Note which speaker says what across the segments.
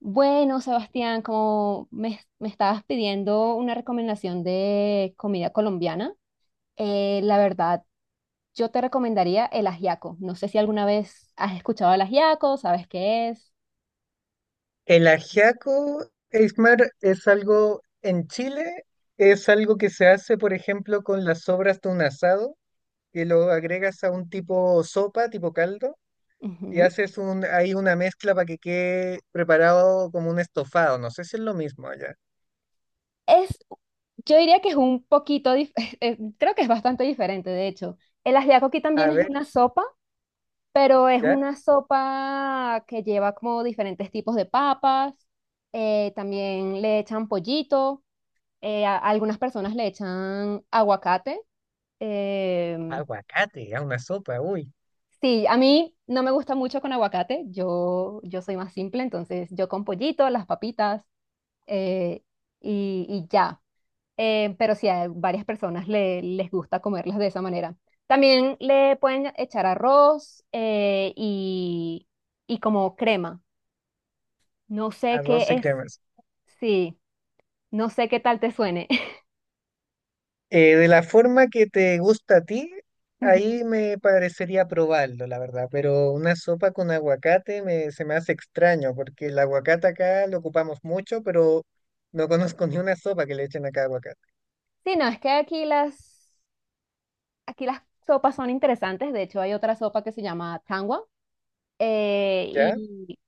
Speaker 1: Bueno, Sebastián, como me estabas pidiendo una recomendación de comida colombiana, la verdad, yo te recomendaría el ajiaco. No sé si alguna vez has escuchado el ajiaco, sabes qué es.
Speaker 2: El ajiaco, Eismar, es algo en Chile, es algo que se hace, por ejemplo, con las sobras de un asado, que lo agregas a un tipo sopa, tipo caldo, y
Speaker 1: Ujú.
Speaker 2: haces un, ahí una mezcla para que quede preparado como un estofado. No sé si es lo mismo allá.
Speaker 1: Es, yo diría que es un poquito, creo que es bastante diferente, de hecho. El ajiaco aquí también
Speaker 2: A
Speaker 1: es
Speaker 2: ver,
Speaker 1: una sopa, pero es
Speaker 2: ya,
Speaker 1: una sopa que lleva como diferentes tipos de papas, también le echan pollito. A algunas personas le echan aguacate. em,
Speaker 2: aguacate, a una sopa, uy,
Speaker 1: sí, a mí no me gusta mucho con aguacate. Yo soy más simple, entonces yo con pollito, las papitas, eh, y ya. Pero sí, a varias personas les gusta comerlas de esa manera. También le pueden echar arroz, y como crema. No sé
Speaker 2: arroz
Speaker 1: qué
Speaker 2: y
Speaker 1: es.
Speaker 2: crema.
Speaker 1: Sí, no sé qué tal te suene.
Speaker 2: De la forma que te gusta a ti,
Speaker 1: Ujú.
Speaker 2: ahí me parecería probarlo, la verdad, pero una sopa con aguacate se me hace extraño, porque el aguacate acá lo ocupamos mucho, pero no conozco ni una sopa que le echen acá aguacate,
Speaker 1: Sí, no, es que aquí las sopas son interesantes. De hecho, hay otra sopa que se llama tangua.
Speaker 2: ¿ya?
Speaker 1: Y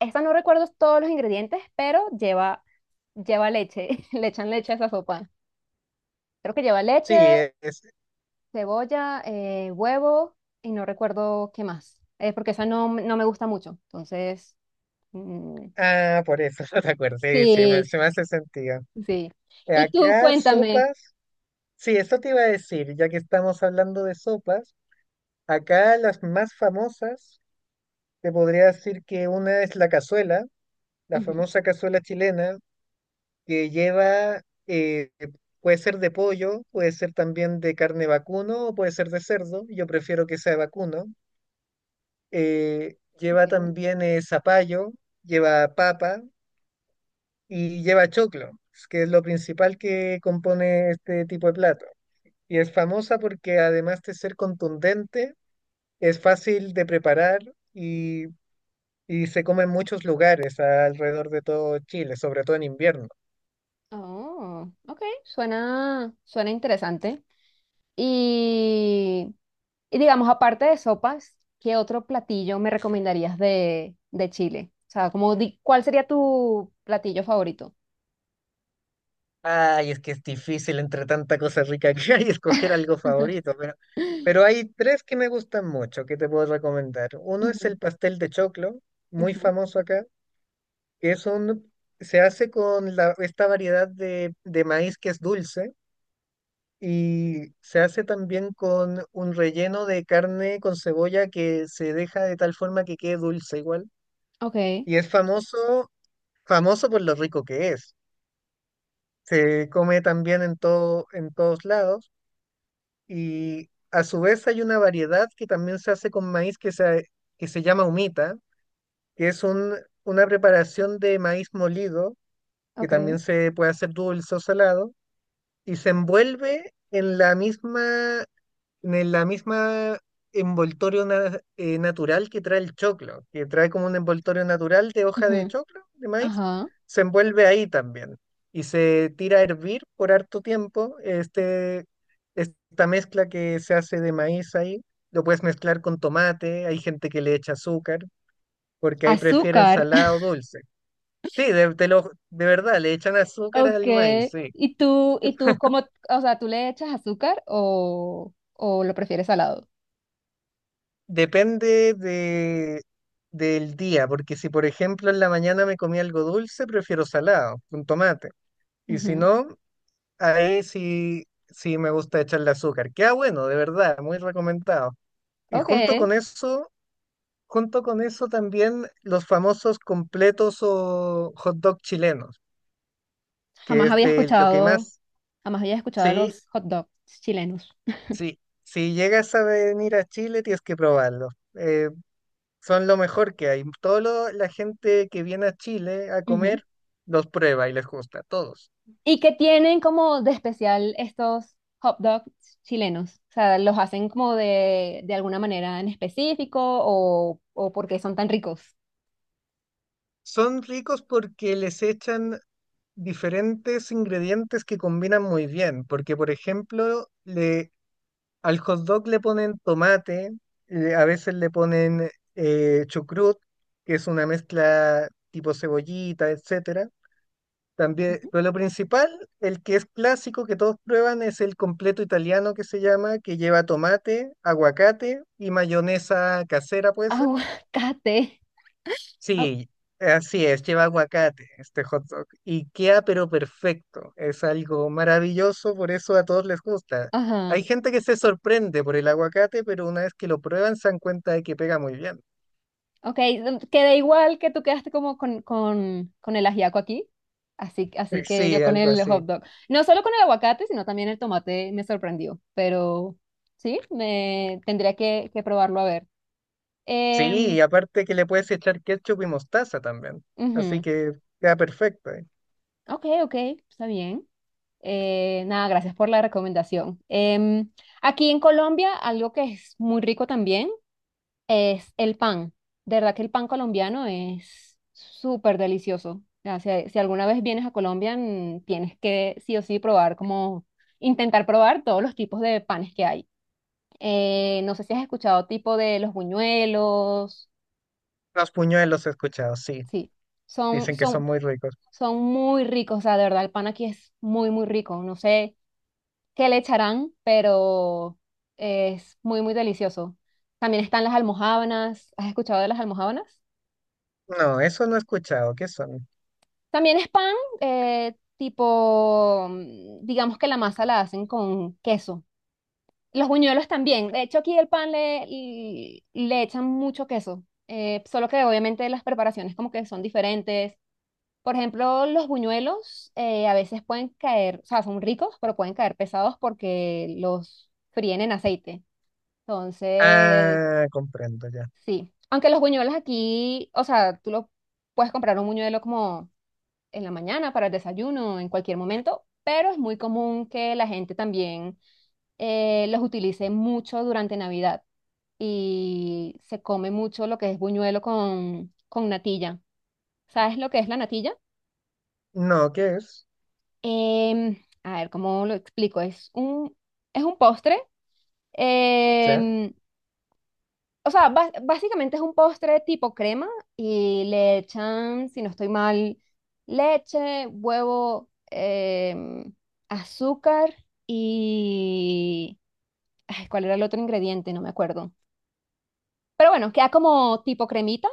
Speaker 1: esta no recuerdo todos los ingredientes, pero lleva leche. Le echan leche a esa sopa. Creo que lleva
Speaker 2: Sí,
Speaker 1: leche,
Speaker 2: es...
Speaker 1: cebolla, huevo y no recuerdo qué más. Porque esa no, no me gusta mucho. Entonces, mm,
Speaker 2: Ah, por eso, no te acuerdas, sí, sí,
Speaker 1: sí,
Speaker 2: se me hace sentido.
Speaker 1: sí.
Speaker 2: Eh,
Speaker 1: Y tú
Speaker 2: Acá
Speaker 1: cuéntame.
Speaker 2: sopas, sí, eso te iba a decir, ya que estamos hablando de sopas, acá las más famosas, te podría decir que una es la cazuela, la
Speaker 1: Ujú,
Speaker 2: famosa cazuela chilena, que lleva, puede ser de pollo, puede ser también de carne vacuno o puede ser de cerdo, yo prefiero que sea de vacuno. Lleva
Speaker 1: ok.
Speaker 2: también zapallo, lleva papa y lleva choclo, que es lo principal que compone este tipo de plato. Y es famosa porque además de ser contundente, es fácil de preparar y, y se come en muchos lugares alrededor de todo Chile, sobre todo en invierno.
Speaker 1: Oh, ok. Suena interesante. Y, y digamos, aparte de sopas, ¿qué otro platillo me recomendarías de, Chile? O sea, ¿cuál sería tu platillo favorito?
Speaker 2: Ay, es que es difícil entre tanta cosa rica que hay escoger algo favorito, pero hay tres que me gustan mucho que te puedo recomendar. Uno es
Speaker 1: Ujú,
Speaker 2: el pastel de choclo, muy
Speaker 1: ujú.
Speaker 2: famoso acá, que es se hace con esta variedad de maíz que es dulce, y se hace también con un relleno de carne con cebolla que se deja de tal forma que quede dulce igual.
Speaker 1: Ok,
Speaker 2: Y es famoso, famoso por lo rico que es. Se come también en todo, en todos lados. Y a su vez hay una variedad que también se hace con maíz que se llama humita, que es un, una preparación de maíz molido, que
Speaker 1: ok.
Speaker 2: también se puede hacer dulce o salado, y se envuelve en la misma natural que trae el choclo, que trae como un envoltorio natural de hoja de
Speaker 1: Ujú,
Speaker 2: choclo, de maíz,
Speaker 1: ajá.
Speaker 2: se envuelve ahí también y se tira a hervir por harto tiempo. Esta mezcla que se hace de maíz ahí, lo puedes mezclar con tomate, hay gente que le echa azúcar, porque ahí prefieren
Speaker 1: Azúcar.
Speaker 2: salado o dulce. Sí, de verdad, le echan azúcar al maíz,
Speaker 1: Okay.
Speaker 2: sí.
Speaker 1: ¿Y tú cómo, o sea, tú le echas azúcar o lo prefieres salado?
Speaker 2: Depende del día, porque si por ejemplo en la mañana me comí algo dulce, prefiero salado, con tomate. Y si
Speaker 1: Ujú.
Speaker 2: no, ahí sí, sí me gusta echarle azúcar. Queda bueno, de verdad, muy recomendado. Y
Speaker 1: Ok.
Speaker 2: junto con eso también los famosos completos o hot dog chilenos, que
Speaker 1: Jamás
Speaker 2: es
Speaker 1: había
Speaker 2: de lo que
Speaker 1: escuchado,
Speaker 2: más,
Speaker 1: jamás había escuchado
Speaker 2: sí,
Speaker 1: los hot dogs chilenos.
Speaker 2: sí, si llegas a venir a Chile tienes que probarlo. eh, Son lo mejor que hay. Toda la gente que viene a Chile a comer los prueba y les gusta, todos.
Speaker 1: ¿Y que tienen como de especial estos hot dogs chilenos? O sea, ¿los hacen como de, alguna manera en específico o porque son tan ricos?
Speaker 2: Son ricos porque les echan diferentes ingredientes que combinan muy bien, porque por ejemplo, al hot dog le ponen tomate, a veces le ponen chucrut, que es una mezcla tipo cebollita, etcétera. También,
Speaker 1: Ujú.
Speaker 2: pero lo principal, el que es clásico que todos prueban es el completo italiano que se llama, que lleva tomate, aguacate y mayonesa casera, ¿puede ser?
Speaker 1: Aguacate. Au-
Speaker 2: Sí, así es, lleva aguacate este hot dog y queda pero perfecto, es algo maravilloso, por eso a todos les gusta.
Speaker 1: Ajá.
Speaker 2: Hay gente que se sorprende por el aguacate, pero una vez que lo prueban se dan cuenta de que pega muy bien.
Speaker 1: Ok, queda igual que tú quedaste como con, con el ajiaco aquí. Así que yo
Speaker 2: Sí,
Speaker 1: con
Speaker 2: algo
Speaker 1: el
Speaker 2: así.
Speaker 1: hot dog. No solo con el aguacate, sino también el tomate me sorprendió. Pero sí, me tendría que probarlo a ver.
Speaker 2: Sí,
Speaker 1: Em,
Speaker 2: y aparte que le puedes echar ketchup y mostaza también, así
Speaker 1: Ujú.
Speaker 2: que queda perfecto.
Speaker 1: Ok, ok, está bien. Nada, gracias por la recomendación. Aquí en Colombia, algo que es muy rico también es el pan. De verdad que el pan colombiano es súper delicioso. O sea, si alguna vez vienes a Colombia, tienes que sí o sí probar, como intentar probar todos los tipos de panes que hay. No sé si has escuchado tipo de los buñuelos.
Speaker 2: Los puñuelos he escuchado, sí.
Speaker 1: Sí, son,
Speaker 2: Dicen que son
Speaker 1: son,
Speaker 2: muy ricos.
Speaker 1: son muy ricos. O sea, de verdad, el pan aquí es muy, muy rico. No sé que le echarán, pero es muy, muy delicioso. También están las almojábanas. ¿Has escuchado de las almojábanas?
Speaker 2: No, eso no he escuchado. ¿Qué son?
Speaker 1: También es pan, tipo, digamos que la masa la hacen con queso. Los buñuelos también. De hecho, aquí el pan le echan mucho queso. Solo que obviamente las preparaciones como que son diferentes. Por ejemplo, los buñuelos, a veces pueden caer, o sea, son ricos, pero pueden caer pesados porque los fríen en aceite. Entonces.
Speaker 2: Ah, comprendo ya.
Speaker 1: Sí, aunque los buñuelos aquí, o sea, tú lo puedes comprar un buñuelo como en la mañana para el desayuno, en cualquier momento, pero es muy común que la gente también, los utilice mucho durante Navidad y se come mucho lo que es buñuelo con, natilla. ¿Sabes lo que es la natilla?
Speaker 2: No, ¿qué es?
Speaker 1: Em, a ver, ¿cómo lo explico? Es un postre.
Speaker 2: Ya,
Speaker 1: em, O sea, básicamente es un postre tipo crema y le echan, si no estoy mal, leche, huevo, em, azúcar y... Ay, ¿cuál era el otro ingrediente? No me acuerdo. Pero bueno, queda como tipo cremita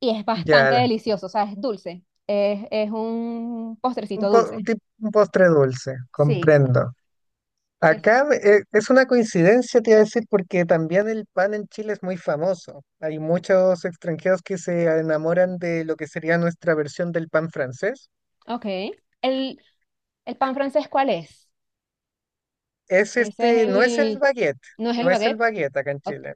Speaker 1: y es bastante
Speaker 2: ya.
Speaker 1: delicioso, o sea, es dulce. Es un
Speaker 2: Un,
Speaker 1: postrecito
Speaker 2: po-
Speaker 1: dulce.
Speaker 2: un tip- un postre dulce,
Speaker 1: Sí.
Speaker 2: comprendo.
Speaker 1: Es,
Speaker 2: Acá es una coincidencia, te iba a decir, porque también el pan en Chile es muy famoso. Hay muchos extranjeros que se enamoran de lo que sería nuestra versión del pan francés.
Speaker 1: ok. ¿El, el pan francés cuál es?
Speaker 2: Es
Speaker 1: Ese es
Speaker 2: este, no es el
Speaker 1: el.
Speaker 2: baguette,
Speaker 1: ¿No es el
Speaker 2: no es el
Speaker 1: baguette?
Speaker 2: baguette acá en
Speaker 1: O-
Speaker 2: Chile.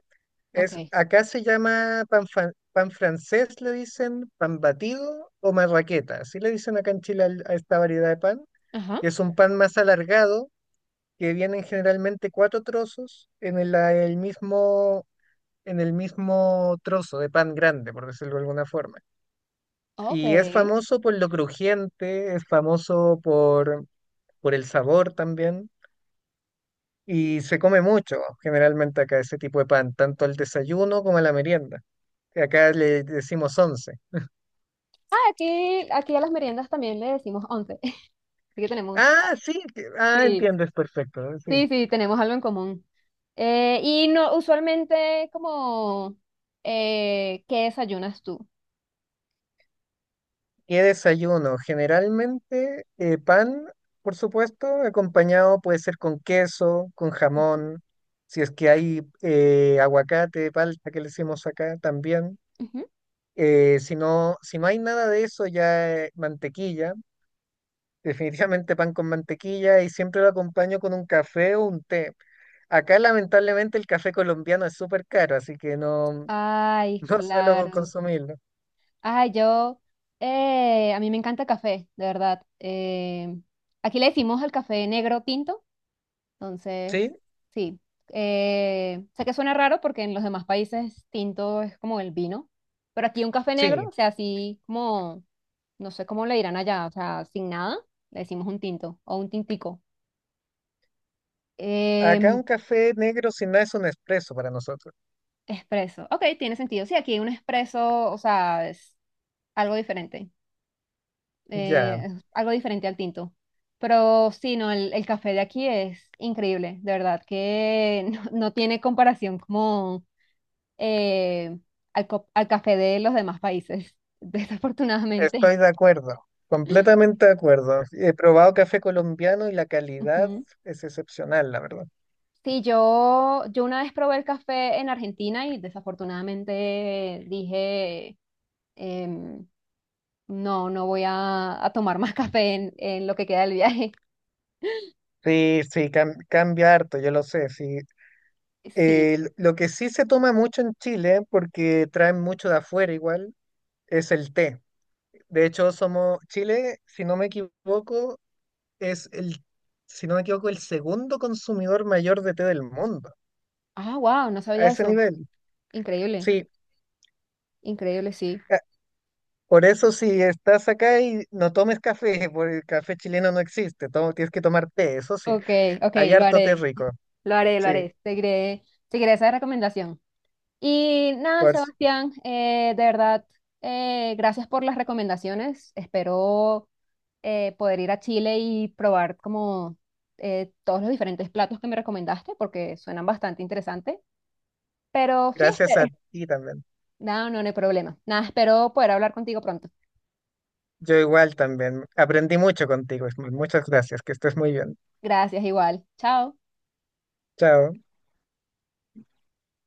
Speaker 1: ok.
Speaker 2: Acá se llama pan francés, le dicen, pan batido o marraqueta. Así le dicen acá en Chile a esta variedad de pan,
Speaker 1: Ajá.
Speaker 2: que es un pan más alargado, que vienen generalmente cuatro trozos en el mismo, en el mismo trozo de pan grande, por decirlo de alguna forma.
Speaker 1: Ok.
Speaker 2: Y es famoso por lo crujiente, es famoso por el sabor también. Y se come mucho, generalmente acá, ese tipo de pan, tanto al desayuno como a la merienda. Acá le decimos once.
Speaker 1: Aquí a las meriendas también le decimos once, así que tenemos,
Speaker 2: Ah, sí,
Speaker 1: sí,
Speaker 2: entiendes perfecto, sí.
Speaker 1: sí, sí, tenemos algo en común. Y no, usualmente como, ¿qué desayunas tú?
Speaker 2: ¿Qué desayuno? Generalmente pan, por supuesto, acompañado puede ser con queso, con
Speaker 1: Ujú,
Speaker 2: jamón, si es que hay aguacate, palta que le decimos acá también.
Speaker 1: ujú.
Speaker 2: Si no, si no hay nada de eso, ya mantequilla. Definitivamente pan con mantequilla y siempre lo acompaño con un café o un té. Acá lamentablemente el café colombiano es súper caro, así que no,
Speaker 1: Ay,
Speaker 2: no suelo
Speaker 1: claro.
Speaker 2: consumirlo.
Speaker 1: Ay, a mí me encanta el café, de verdad. Aquí le decimos el café negro tinto. Entonces.
Speaker 2: ¿Sí?
Speaker 1: Sí. Sé que suena raro porque en los demás países tinto es como el vino, pero aquí un café negro,
Speaker 2: Sí.
Speaker 1: o sea, así como, no sé cómo le dirán allá, o sea, sin nada, le decimos un tinto o un tintico.
Speaker 2: Acá
Speaker 1: Em,
Speaker 2: un café negro sin nada es un espresso para nosotros.
Speaker 1: Espresso, ok, tiene sentido. Sí, aquí un espresso, o sea, algo diferente, eh,
Speaker 2: Ya,
Speaker 1: es algo diferente al tinto. Pero sí, no, el café de aquí es increíble, de verdad, que no, no tiene comparación como eh, al café de los demás países, desafortunadamente.
Speaker 2: estoy de acuerdo, completamente de acuerdo. He probado café colombiano y la calidad
Speaker 1: Ujú.
Speaker 2: es excepcional, la verdad.
Speaker 1: Sí, yo una vez probé el café en Argentina y desafortunadamente dije, em, no, no voy a tomar más café en lo que queda del viaje.
Speaker 2: Sí, sí, cambia harto, yo lo sé, sí.
Speaker 1: Sí.
Speaker 2: Lo que sí se toma mucho en Chile, porque traen mucho de afuera igual, es el té. De hecho, somos Chile, si no me equivoco, es el, si no me equivoco, el segundo consumidor mayor de té del mundo.
Speaker 1: Ah, wow, no
Speaker 2: A
Speaker 1: sabía
Speaker 2: ese
Speaker 1: eso.
Speaker 2: nivel.
Speaker 1: Increíble,
Speaker 2: Sí.
Speaker 1: increíble, sí.
Speaker 2: a- Por eso si estás acá y no tomes café, porque el café chileno no existe. Tienes que tomar té, eso sí.
Speaker 1: Ok, ok,
Speaker 2: Hay
Speaker 1: lo
Speaker 2: harto
Speaker 1: haré,
Speaker 2: té rico.
Speaker 1: lo haré, lo
Speaker 2: Sí.
Speaker 1: haré. Seguiré esa recomendación. Y nada,
Speaker 2: Por, s-
Speaker 1: Sebastián, de verdad, gracias por las recomendaciones. Espero, poder ir a Chile y probar como, todos los diferentes platos que me recomendaste porque suenan bastante interesantes. Pero sí,
Speaker 2: Gracias a
Speaker 1: espero.
Speaker 2: ti también.
Speaker 1: No, no, no hay problema. Nada, espero poder hablar contigo pronto.
Speaker 2: Yo igual también. Aprendí mucho contigo, Ismael. Muchas gracias. Que estés muy bien.
Speaker 1: Gracias, igual. Chao.
Speaker 2: Chao.